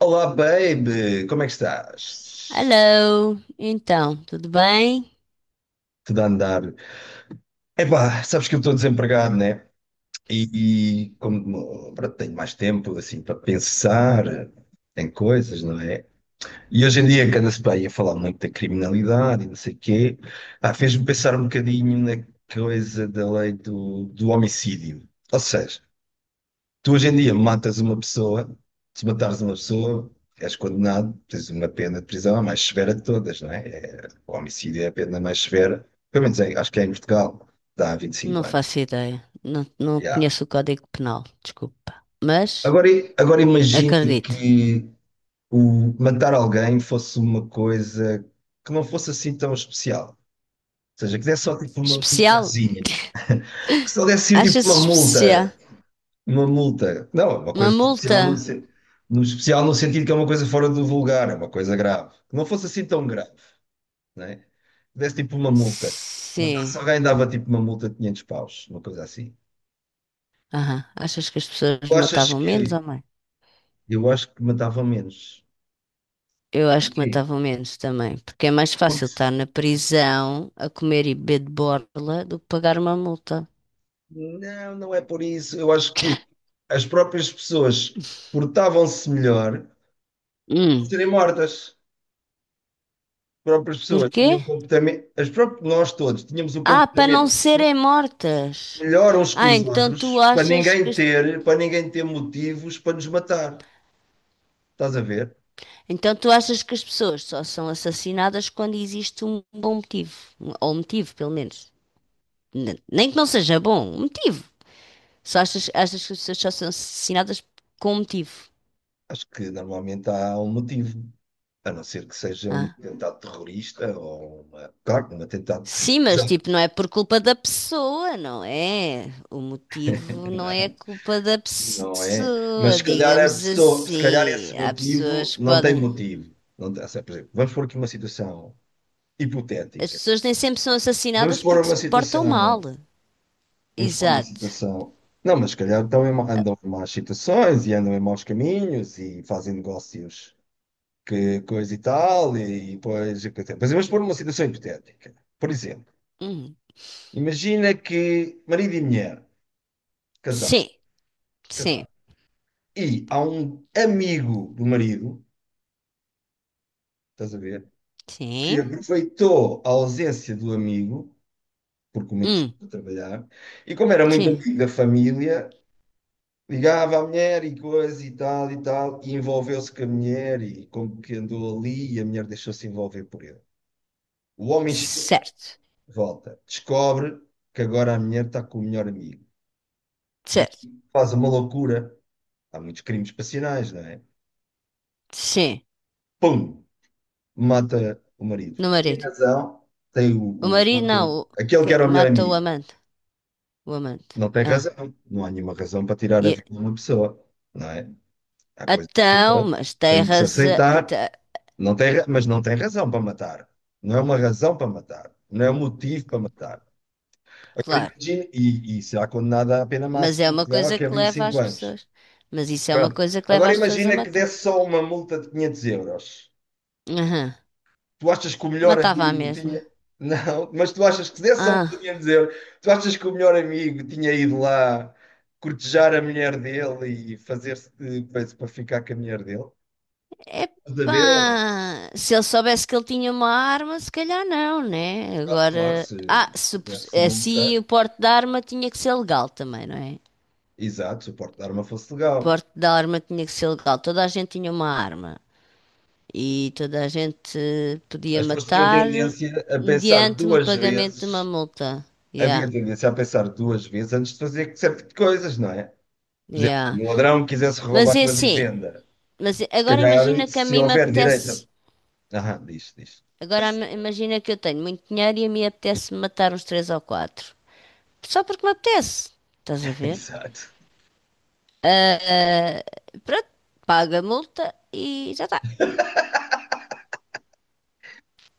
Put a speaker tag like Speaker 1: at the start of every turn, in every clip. Speaker 1: Olá, baby! Como é que estás?
Speaker 2: Hello, então, tudo bem?
Speaker 1: Tudo a andar? Epá, sabes que eu estou desempregado, né? E como pronto, tenho mais tempo assim para pensar em coisas, não é? E hoje em dia é que anda-se bem a falar muito da criminalidade e não sei o quê, ah, fez-me pensar um bocadinho na coisa da lei do homicídio. Ou seja, tu hoje em dia matas uma pessoa, se matares uma pessoa, és condenado, tens uma pena de prisão a mais severa de todas, não é? O homicídio é a pena mais severa, pelo menos acho que é em Portugal, dá
Speaker 2: Não
Speaker 1: 25 anos.
Speaker 2: faço ideia. Não
Speaker 1: Yeah.
Speaker 2: conheço o Código Penal, desculpa. Mas
Speaker 1: Agora, agora imagina
Speaker 2: acredito.
Speaker 1: que o matar alguém fosse uma coisa que não fosse assim tão especial. Ou seja, que desse só tipo uma
Speaker 2: Especial?
Speaker 1: multazinha. Que só desse tipo
Speaker 2: Achas
Speaker 1: uma
Speaker 2: especial?
Speaker 1: multa. Uma multa. Não, é uma
Speaker 2: Uma
Speaker 1: coisa especial
Speaker 2: multa?
Speaker 1: no especial no sentido que é uma coisa fora do vulgar, é uma coisa grave. Que não fosse assim tão grave, né? Desse tipo uma multa.
Speaker 2: Sim.
Speaker 1: Matasse alguém, dava tipo uma multa de 500 paus, uma coisa assim.
Speaker 2: Aham. Achas que as pessoas
Speaker 1: Tu achas
Speaker 2: matavam menos
Speaker 1: que.
Speaker 2: ou mais?
Speaker 1: Eu acho que matava menos.
Speaker 2: Eu acho que
Speaker 1: Porquê?
Speaker 2: matavam menos também, porque é mais fácil
Speaker 1: Porque.
Speaker 2: estar na prisão a comer e beber de borla do que pagar uma multa.
Speaker 1: Não, não é por isso. Eu acho que as próprias pessoas portavam-se melhor por
Speaker 2: Hum.
Speaker 1: serem mortas. As próprias pessoas
Speaker 2: Porquê?
Speaker 1: tinham um comportamento. As próprias. Nós todos tínhamos um
Speaker 2: Ah, para não
Speaker 1: comportamento.
Speaker 2: serem mortas.
Speaker 1: Melhoram-se com
Speaker 2: Ah,
Speaker 1: os outros para ninguém ter, para ninguém ter motivos para nos matar. Estás a ver?
Speaker 2: Então tu achas que as pessoas só são assassinadas quando existe um bom motivo, ou um motivo, pelo menos. Nem que não seja bom, um motivo. Achas que as pessoas só são assassinadas com um motivo.
Speaker 1: Acho que normalmente há um motivo. A não ser que seja um
Speaker 2: Ah.
Speaker 1: atentado terrorista ou uma, claro, um atentado.
Speaker 2: Sim, mas tipo,
Speaker 1: Exato.
Speaker 2: não é por culpa da pessoa, não é? O motivo não é
Speaker 1: Não,
Speaker 2: culpa da
Speaker 1: não é. Mas
Speaker 2: pessoa,
Speaker 1: se calhar a
Speaker 2: digamos
Speaker 1: pessoa, se calhar esse
Speaker 2: assim. Há pessoas que podem.
Speaker 1: motivo. Não tem- Ou seja, por exemplo, vamos pôr aqui uma situação
Speaker 2: As
Speaker 1: hipotética.
Speaker 2: pessoas nem sempre são
Speaker 1: Vamos
Speaker 2: assassinadas
Speaker 1: pôr
Speaker 2: porque
Speaker 1: uma
Speaker 2: se
Speaker 1: situação
Speaker 2: portam mal.
Speaker 1: vamos pôr uma
Speaker 2: Exato.
Speaker 1: situação. Não, mas se calhar estão em,
Speaker 2: Ah.
Speaker 1: andam em más situações e andam em maus caminhos e fazem negócios que coisa e tal, e depois. E coisa. Mas vamos pôr uma situação hipotética. Por exemplo,
Speaker 2: Hum.
Speaker 1: imagina que marido e mulher, casado,
Speaker 2: Sim, sim.
Speaker 1: casado, e há um amigo do marido, estás a ver, que
Speaker 2: Sim.
Speaker 1: aproveitou a ausência do amigo, porque o amigo
Speaker 2: Hum,
Speaker 1: saiu a trabalhar, e como era muito
Speaker 2: sim.
Speaker 1: amigo da família. Ligava à mulher e coisa e tal e tal, e envolveu-se com a mulher e como que andou ali e a mulher deixou-se envolver por ele. O homem chega
Speaker 2: Certo.
Speaker 1: de volta, descobre que agora a mulher está com o melhor amigo e
Speaker 2: Certo.
Speaker 1: faz uma loucura. Há muitos crimes passionais, não é?
Speaker 2: Sim.
Speaker 1: Pum! Mata o marido.
Speaker 2: No
Speaker 1: Tem
Speaker 2: marido.
Speaker 1: razão, tem
Speaker 2: O marido
Speaker 1: mata
Speaker 2: não.
Speaker 1: aquele
Speaker 2: Que
Speaker 1: que era o melhor
Speaker 2: mata o
Speaker 1: amigo.
Speaker 2: amante. O amante.
Speaker 1: Não tem
Speaker 2: Ah.
Speaker 1: razão, não há nenhuma razão para tirar a
Speaker 2: E,
Speaker 1: vida de uma pessoa, não é? Há coisas que pronto,
Speaker 2: mas tem
Speaker 1: têm que se
Speaker 2: razão.
Speaker 1: aceitar.
Speaker 2: Tá.
Speaker 1: Não tem, mas não tem razão para matar. Não é uma razão para matar. Não é um motivo para matar. Agora
Speaker 2: Claro.
Speaker 1: imagina, e será condenada à pena
Speaker 2: Mas é
Speaker 1: máxima em
Speaker 2: uma
Speaker 1: Portugal,
Speaker 2: coisa
Speaker 1: que é
Speaker 2: que
Speaker 1: vinte e
Speaker 2: leva
Speaker 1: cinco
Speaker 2: as
Speaker 1: anos.
Speaker 2: pessoas. Mas isso é uma
Speaker 1: Pronto.
Speaker 2: coisa que leva
Speaker 1: Agora
Speaker 2: as pessoas a
Speaker 1: imagina que
Speaker 2: matar.
Speaker 1: desse só uma multa de 500 euros.
Speaker 2: Aham.
Speaker 1: Tu achas que o melhor
Speaker 2: Matava a
Speaker 1: amigo
Speaker 2: mesma.
Speaker 1: tinha. Não, mas tu achas que se desse só uma multa de
Speaker 2: Ah.
Speaker 1: 500 euros, tu achas que o melhor amigo tinha ido lá cortejar a mulher dele e fazer-se de coisa para ficar com a mulher dele? Estás a ver ou não?
Speaker 2: Epá, se ele soubesse que ele tinha uma arma, se calhar não, né?
Speaker 1: Claro,
Speaker 2: Agora,
Speaker 1: se
Speaker 2: se,
Speaker 1: se tivesse
Speaker 2: assim
Speaker 1: multa.
Speaker 2: o porte da arma tinha que ser legal também, não é? O
Speaker 1: Exato, se o porte de arma fosse legal.
Speaker 2: porte da arma tinha que ser legal. Toda a gente tinha uma arma e toda a gente podia
Speaker 1: As pessoas tinham
Speaker 2: matar
Speaker 1: tendência a pensar
Speaker 2: mediante o
Speaker 1: duas
Speaker 2: pagamento de uma
Speaker 1: vezes,
Speaker 2: multa.
Speaker 1: havia
Speaker 2: Yeah,
Speaker 1: tendência a pensar duas vezes antes de fazer certo tipo de coisas, não é? Por exemplo,
Speaker 2: yeah.
Speaker 1: um ladrão que quisesse
Speaker 2: Mas
Speaker 1: roubar
Speaker 2: é
Speaker 1: uma
Speaker 2: assim,
Speaker 1: vivenda,
Speaker 2: mas
Speaker 1: se
Speaker 2: agora
Speaker 1: calhar,
Speaker 2: imagina que a
Speaker 1: se
Speaker 2: mim me
Speaker 1: houver direita.
Speaker 2: apetece,
Speaker 1: Ah, diz, diz.
Speaker 2: agora imagina que eu tenho muito dinheiro e a mim apetece matar uns três ou quatro. Só porque me apetece. Estás a ver?
Speaker 1: Exato.
Speaker 2: Pronto, paga a multa e já está.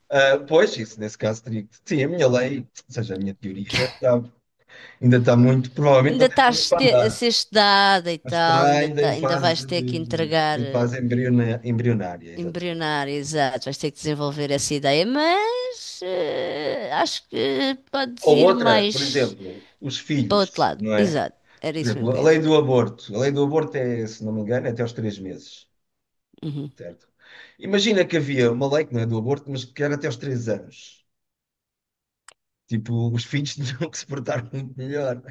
Speaker 1: Ah, pois, isso nesse caso teria que. Sim, a minha lei, ou seja, a minha teoria, ainda está muito. Provavelmente não
Speaker 2: Ainda
Speaker 1: tem para
Speaker 2: estás
Speaker 1: onde
Speaker 2: te- a
Speaker 1: andar,
Speaker 2: ser estudada e
Speaker 1: mas
Speaker 2: tal,
Speaker 1: está
Speaker 2: ainda,
Speaker 1: ainda
Speaker 2: tá- Ainda vais ter que entregar,
Speaker 1: em fase embrionária, exato.
Speaker 2: embrionar, exato, vais ter que desenvolver essa ideia, mas acho que podes
Speaker 1: Ou
Speaker 2: ir
Speaker 1: outra, por
Speaker 2: mais
Speaker 1: exemplo, os
Speaker 2: para o outro
Speaker 1: filhos,
Speaker 2: lado.
Speaker 1: não é?
Speaker 2: Exato, era
Speaker 1: Por
Speaker 2: isso mesmo
Speaker 1: exemplo,
Speaker 2: que
Speaker 1: a
Speaker 2: eu ia
Speaker 1: lei
Speaker 2: dizer.
Speaker 1: do aborto. A lei do aborto é, se não me engano, é até aos 3 meses,
Speaker 2: Uhum.
Speaker 1: certo? Imagina que havia uma lei que não é do aborto, mas que era até aos 3 anos. Tipo, os filhos tinham que se portar muito melhor.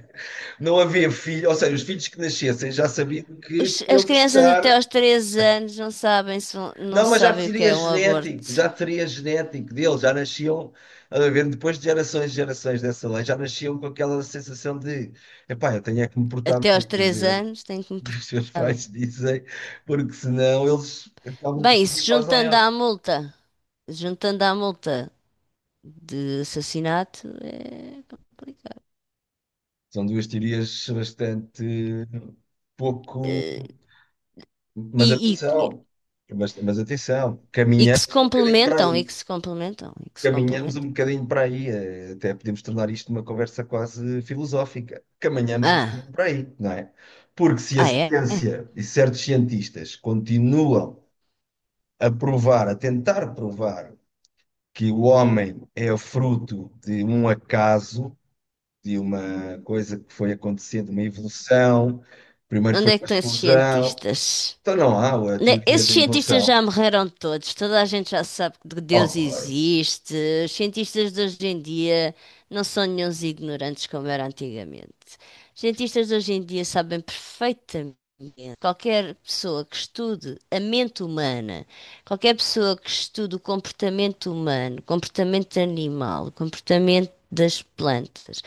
Speaker 1: Não havia filho, ou seja, os filhos que nascessem já sabiam que
Speaker 2: As
Speaker 1: tinham que
Speaker 2: crianças até
Speaker 1: estar.
Speaker 2: aos 3 anos não sabem, se vão- não
Speaker 1: Não, mas já
Speaker 2: sabem o que
Speaker 1: seria
Speaker 2: é um
Speaker 1: genético,
Speaker 2: aborto.
Speaker 1: já seria genético deles, já nasciam, a ver, depois de gerações e gerações dessa lei, já nasciam com aquela sensação de, epá, eu tenho é que me portar
Speaker 2: Até aos
Speaker 1: bem,
Speaker 2: 3
Speaker 1: fazer,
Speaker 2: anos têm que me
Speaker 1: que os seus
Speaker 2: portar bem.
Speaker 1: pais dizem, porque senão eles acabam por
Speaker 2: Bem,
Speaker 1: ir
Speaker 2: se
Speaker 1: e fazem
Speaker 2: juntando
Speaker 1: outra.
Speaker 2: à multa, juntando à multa de assassinato, é complicado.
Speaker 1: São duas teorias bastante pouco.
Speaker 2: Eh. E,
Speaker 1: Mas
Speaker 2: e,
Speaker 1: atenção, mas atenção,
Speaker 2: e que se
Speaker 1: caminhamos um bocadinho para
Speaker 2: complementam, e
Speaker 1: aí.
Speaker 2: que se complementam, e que se
Speaker 1: Caminhamos um
Speaker 2: complementam.
Speaker 1: bocadinho para aí, até podemos tornar isto uma conversa quase filosófica. Caminhamos um
Speaker 2: Ah,
Speaker 1: bocadinho para aí, não é? Porque se a
Speaker 2: ah é?
Speaker 1: ciência e certos cientistas continuam a provar, a tentar provar que o homem é fruto de um acaso, de uma coisa que foi acontecendo, uma evolução. Primeiro
Speaker 2: Onde
Speaker 1: foi
Speaker 2: é que
Speaker 1: uma
Speaker 2: estão esses
Speaker 1: explosão.
Speaker 2: cientistas?
Speaker 1: Então não há a teoria
Speaker 2: Esses
Speaker 1: da
Speaker 2: cientistas
Speaker 1: evolução
Speaker 2: já morreram todos, toda a gente já sabe que Deus
Speaker 1: horror
Speaker 2: existe. Os cientistas de hoje em dia não são nenhuns ignorantes como era antigamente. Os cientistas de hoje em dia sabem perfeitamente. Qualquer pessoa que estude a mente humana, qualquer pessoa que estude o comportamento humano, o comportamento animal, o comportamento das plantas,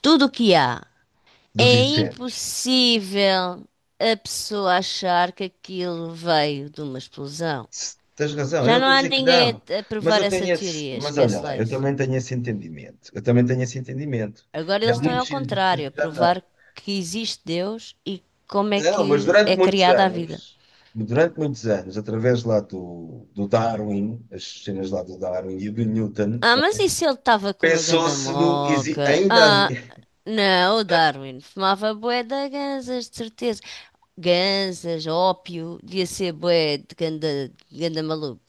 Speaker 2: tudo o que há. É
Speaker 1: dos incêndios.
Speaker 2: impossível a pessoa achar que aquilo veio de uma explosão.
Speaker 1: Tens razão, eu não
Speaker 2: Já não
Speaker 1: estou a
Speaker 2: há
Speaker 1: dizer que
Speaker 2: ninguém
Speaker 1: não,
Speaker 2: a
Speaker 1: mas
Speaker 2: provar
Speaker 1: eu
Speaker 2: essa
Speaker 1: tenho esse,
Speaker 2: teoria,
Speaker 1: mas olha
Speaker 2: esquece
Speaker 1: lá,
Speaker 2: lá
Speaker 1: eu
Speaker 2: isso.
Speaker 1: também tenho esse entendimento. Eu também tenho esse entendimento.
Speaker 2: Agora
Speaker 1: E há
Speaker 2: eles estão
Speaker 1: muitos
Speaker 2: ao
Speaker 1: cientistas
Speaker 2: contrário, a
Speaker 1: que já têm.
Speaker 2: provar que existe Deus e como é
Speaker 1: Não, mas
Speaker 2: que
Speaker 1: durante
Speaker 2: é
Speaker 1: muitos
Speaker 2: criada a vida.
Speaker 1: anos, durante muitos anos, através lá do Darwin, as cenas lá do Darwin e do Newton,
Speaker 2: Ah, mas e se ele estava com uma ganda
Speaker 1: pensou-se no.
Speaker 2: moca?
Speaker 1: Ainda.
Speaker 2: Ah, não, o Darwin fumava bué de ganzas, de certeza. Ganzas, ópio, devia ser bué de ganda, ganda maluco.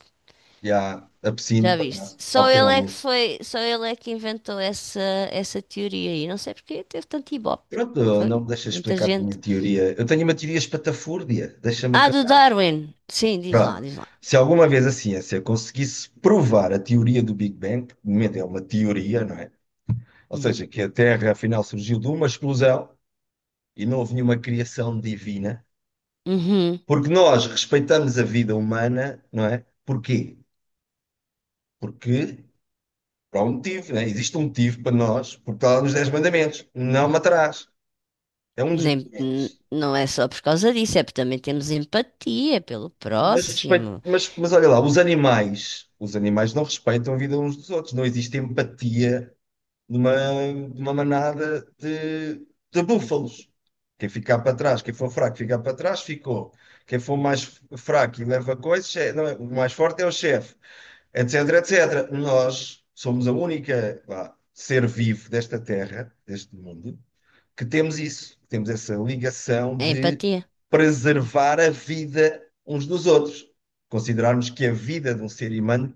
Speaker 1: Já, absinto,
Speaker 2: Já viste?
Speaker 1: palhaço, ao pequeno almoço.
Speaker 2: Só ele é que inventou essa teoria aí. Não sei porque teve tanto ibope.
Speaker 1: Pronto, não me
Speaker 2: Foi
Speaker 1: deixas
Speaker 2: muita
Speaker 1: explicar a minha
Speaker 2: gente.
Speaker 1: teoria. Eu tenho uma teoria espatafúrdia, deixa-me
Speaker 2: Ah, do
Speaker 1: acabar.
Speaker 2: Darwin. Sim, diz lá,
Speaker 1: Pronto,
Speaker 2: diz lá.
Speaker 1: se alguma vez a ciência conseguisse provar a teoria do Big Bang, que de momento é uma teoria, não é? Ou
Speaker 2: Uhum.
Speaker 1: seja, que a Terra afinal surgiu de uma explosão e não houve nenhuma criação divina,
Speaker 2: Uhum.
Speaker 1: porque nós respeitamos a vida humana, não é? Porquê? Porque, por um motivo, não é? Existe um motivo para nós, porque está lá nos 10 mandamentos, não matarás. É um dos
Speaker 2: Nem, n-
Speaker 1: mandamentos.
Speaker 2: Não é só por causa disso, é porque também temos empatia pelo
Speaker 1: Mas, respeito,
Speaker 2: próximo.
Speaker 1: mas olha lá, os animais não respeitam a vida uns dos outros, não existe empatia numa, numa manada de búfalos. Quem ficar para trás, quem for fraco ficar para trás, ficou. Quem for mais fraco e leva coisas, é- não é- o mais forte é o chefe, etc, etc. Nós somos a única, vá, ser vivo desta terra, deste mundo, que temos isso, que temos essa ligação
Speaker 2: É
Speaker 1: de
Speaker 2: empatia. Uhum.
Speaker 1: preservar a vida uns dos outros. Considerarmos que a vida de um ser humano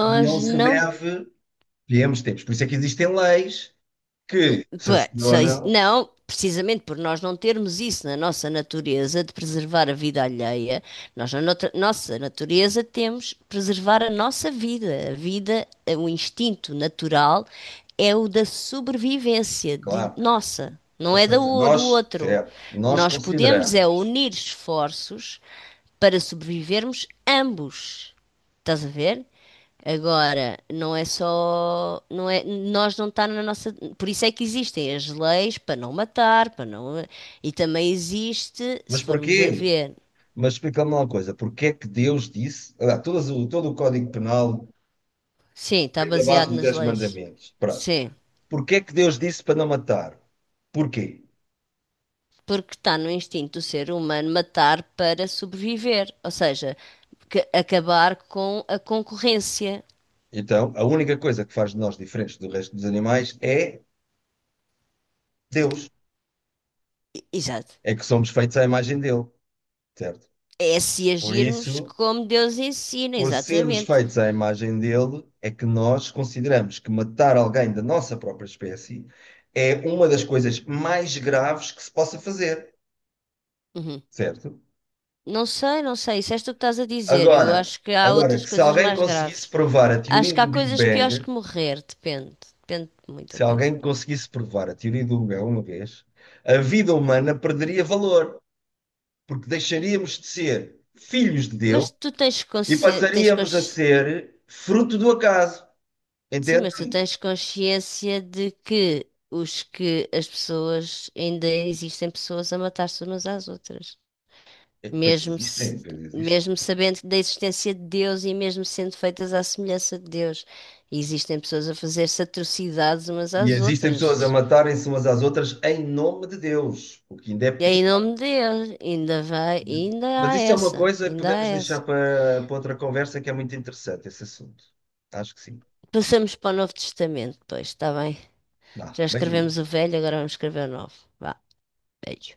Speaker 1: não se
Speaker 2: não.
Speaker 1: deve viemos tempos. Por isso é que existem leis
Speaker 2: n-
Speaker 1: que sancionam,
Speaker 2: Não, precisamente por nós não termos isso na nossa natureza de preservar a vida alheia. Nós, nossa natureza, temos que preservar a nossa vida. A vida, o instinto natural é o da sobrevivência de
Speaker 1: claro.
Speaker 2: nossa,
Speaker 1: Ou
Speaker 2: não é
Speaker 1: seja,
Speaker 2: do
Speaker 1: nós,
Speaker 2: outro.
Speaker 1: certo, nós
Speaker 2: Nós podemos é
Speaker 1: consideramos.
Speaker 2: unir esforços para sobrevivermos ambos. Estás a ver? Agora, não é só, não é, nós não está na nossa, por isso é que existem as leis para não matar, para não, e também existe, se
Speaker 1: Mas
Speaker 2: formos a
Speaker 1: porquê?
Speaker 2: ver,
Speaker 1: Mas explica-me uma coisa, porquê é que Deus disse, ah, todo o Código Penal
Speaker 2: sim, está
Speaker 1: vem da base
Speaker 2: baseado
Speaker 1: dos
Speaker 2: nas
Speaker 1: 10
Speaker 2: leis.
Speaker 1: mandamentos, pronto.
Speaker 2: Sim,
Speaker 1: Porquê é que Deus disse para não matar? Porquê?
Speaker 2: porque está no instinto do ser humano matar para sobreviver, ou seja, acabar com a concorrência.
Speaker 1: Então, a única coisa que faz de nós diferentes do resto dos animais é Deus.
Speaker 2: Exato.
Speaker 1: É que somos feitos à imagem dele, certo?
Speaker 2: É se
Speaker 1: Por
Speaker 2: agirmos
Speaker 1: isso,
Speaker 2: como Deus ensina,
Speaker 1: por sermos
Speaker 2: exatamente.
Speaker 1: feitos à imagem dele, é que nós consideramos que matar alguém da nossa própria espécie é uma das coisas mais graves que se possa fazer,
Speaker 2: Uhum.
Speaker 1: certo?
Speaker 2: Não sei, não sei, isso és tu que estás a dizer. Eu
Speaker 1: Agora,
Speaker 2: acho que há
Speaker 1: agora
Speaker 2: outras
Speaker 1: que se
Speaker 2: coisas
Speaker 1: alguém
Speaker 2: mais
Speaker 1: conseguisse
Speaker 2: graves.
Speaker 1: provar a
Speaker 2: Acho
Speaker 1: teoria
Speaker 2: que há
Speaker 1: do Big
Speaker 2: coisas piores
Speaker 1: Bang,
Speaker 2: que morrer, depende. Depende de muita
Speaker 1: se
Speaker 2: coisa.
Speaker 1: alguém conseguisse provar a teoria do Big Bang uma vez, a vida humana perderia valor. Porque deixaríamos de ser filhos de Deus
Speaker 2: Mas tu tens
Speaker 1: e
Speaker 2: consciência,
Speaker 1: passaríamos a ser fruto do acaso.
Speaker 2: Sim,
Speaker 1: Entende?
Speaker 2: mas tu tens consciência de que os que as pessoas ainda existem pessoas a matar-se umas às outras,
Speaker 1: É que. Pois
Speaker 2: mesmo
Speaker 1: existem,
Speaker 2: se-
Speaker 1: pois existem.
Speaker 2: mesmo sabendo da existência de Deus e mesmo sendo feitas à semelhança de Deus, existem pessoas a fazer-se atrocidades umas
Speaker 1: E
Speaker 2: às
Speaker 1: existem pessoas a
Speaker 2: outras.
Speaker 1: matarem-se umas às outras em nome de Deus, o que ainda é
Speaker 2: E é em nome
Speaker 1: pior.
Speaker 2: de Deus,
Speaker 1: Né? Mas isso é uma coisa que
Speaker 2: ainda há
Speaker 1: podemos deixar
Speaker 2: essa.
Speaker 1: para outra conversa que é muito interessante esse assunto. Acho que sim.
Speaker 2: Passamos para o Novo Testamento, pois, está bem?
Speaker 1: Dá.
Speaker 2: Já escrevemos o
Speaker 1: Beijinhos.
Speaker 2: Velho, agora vamos escrever o Novo. Vá, velho.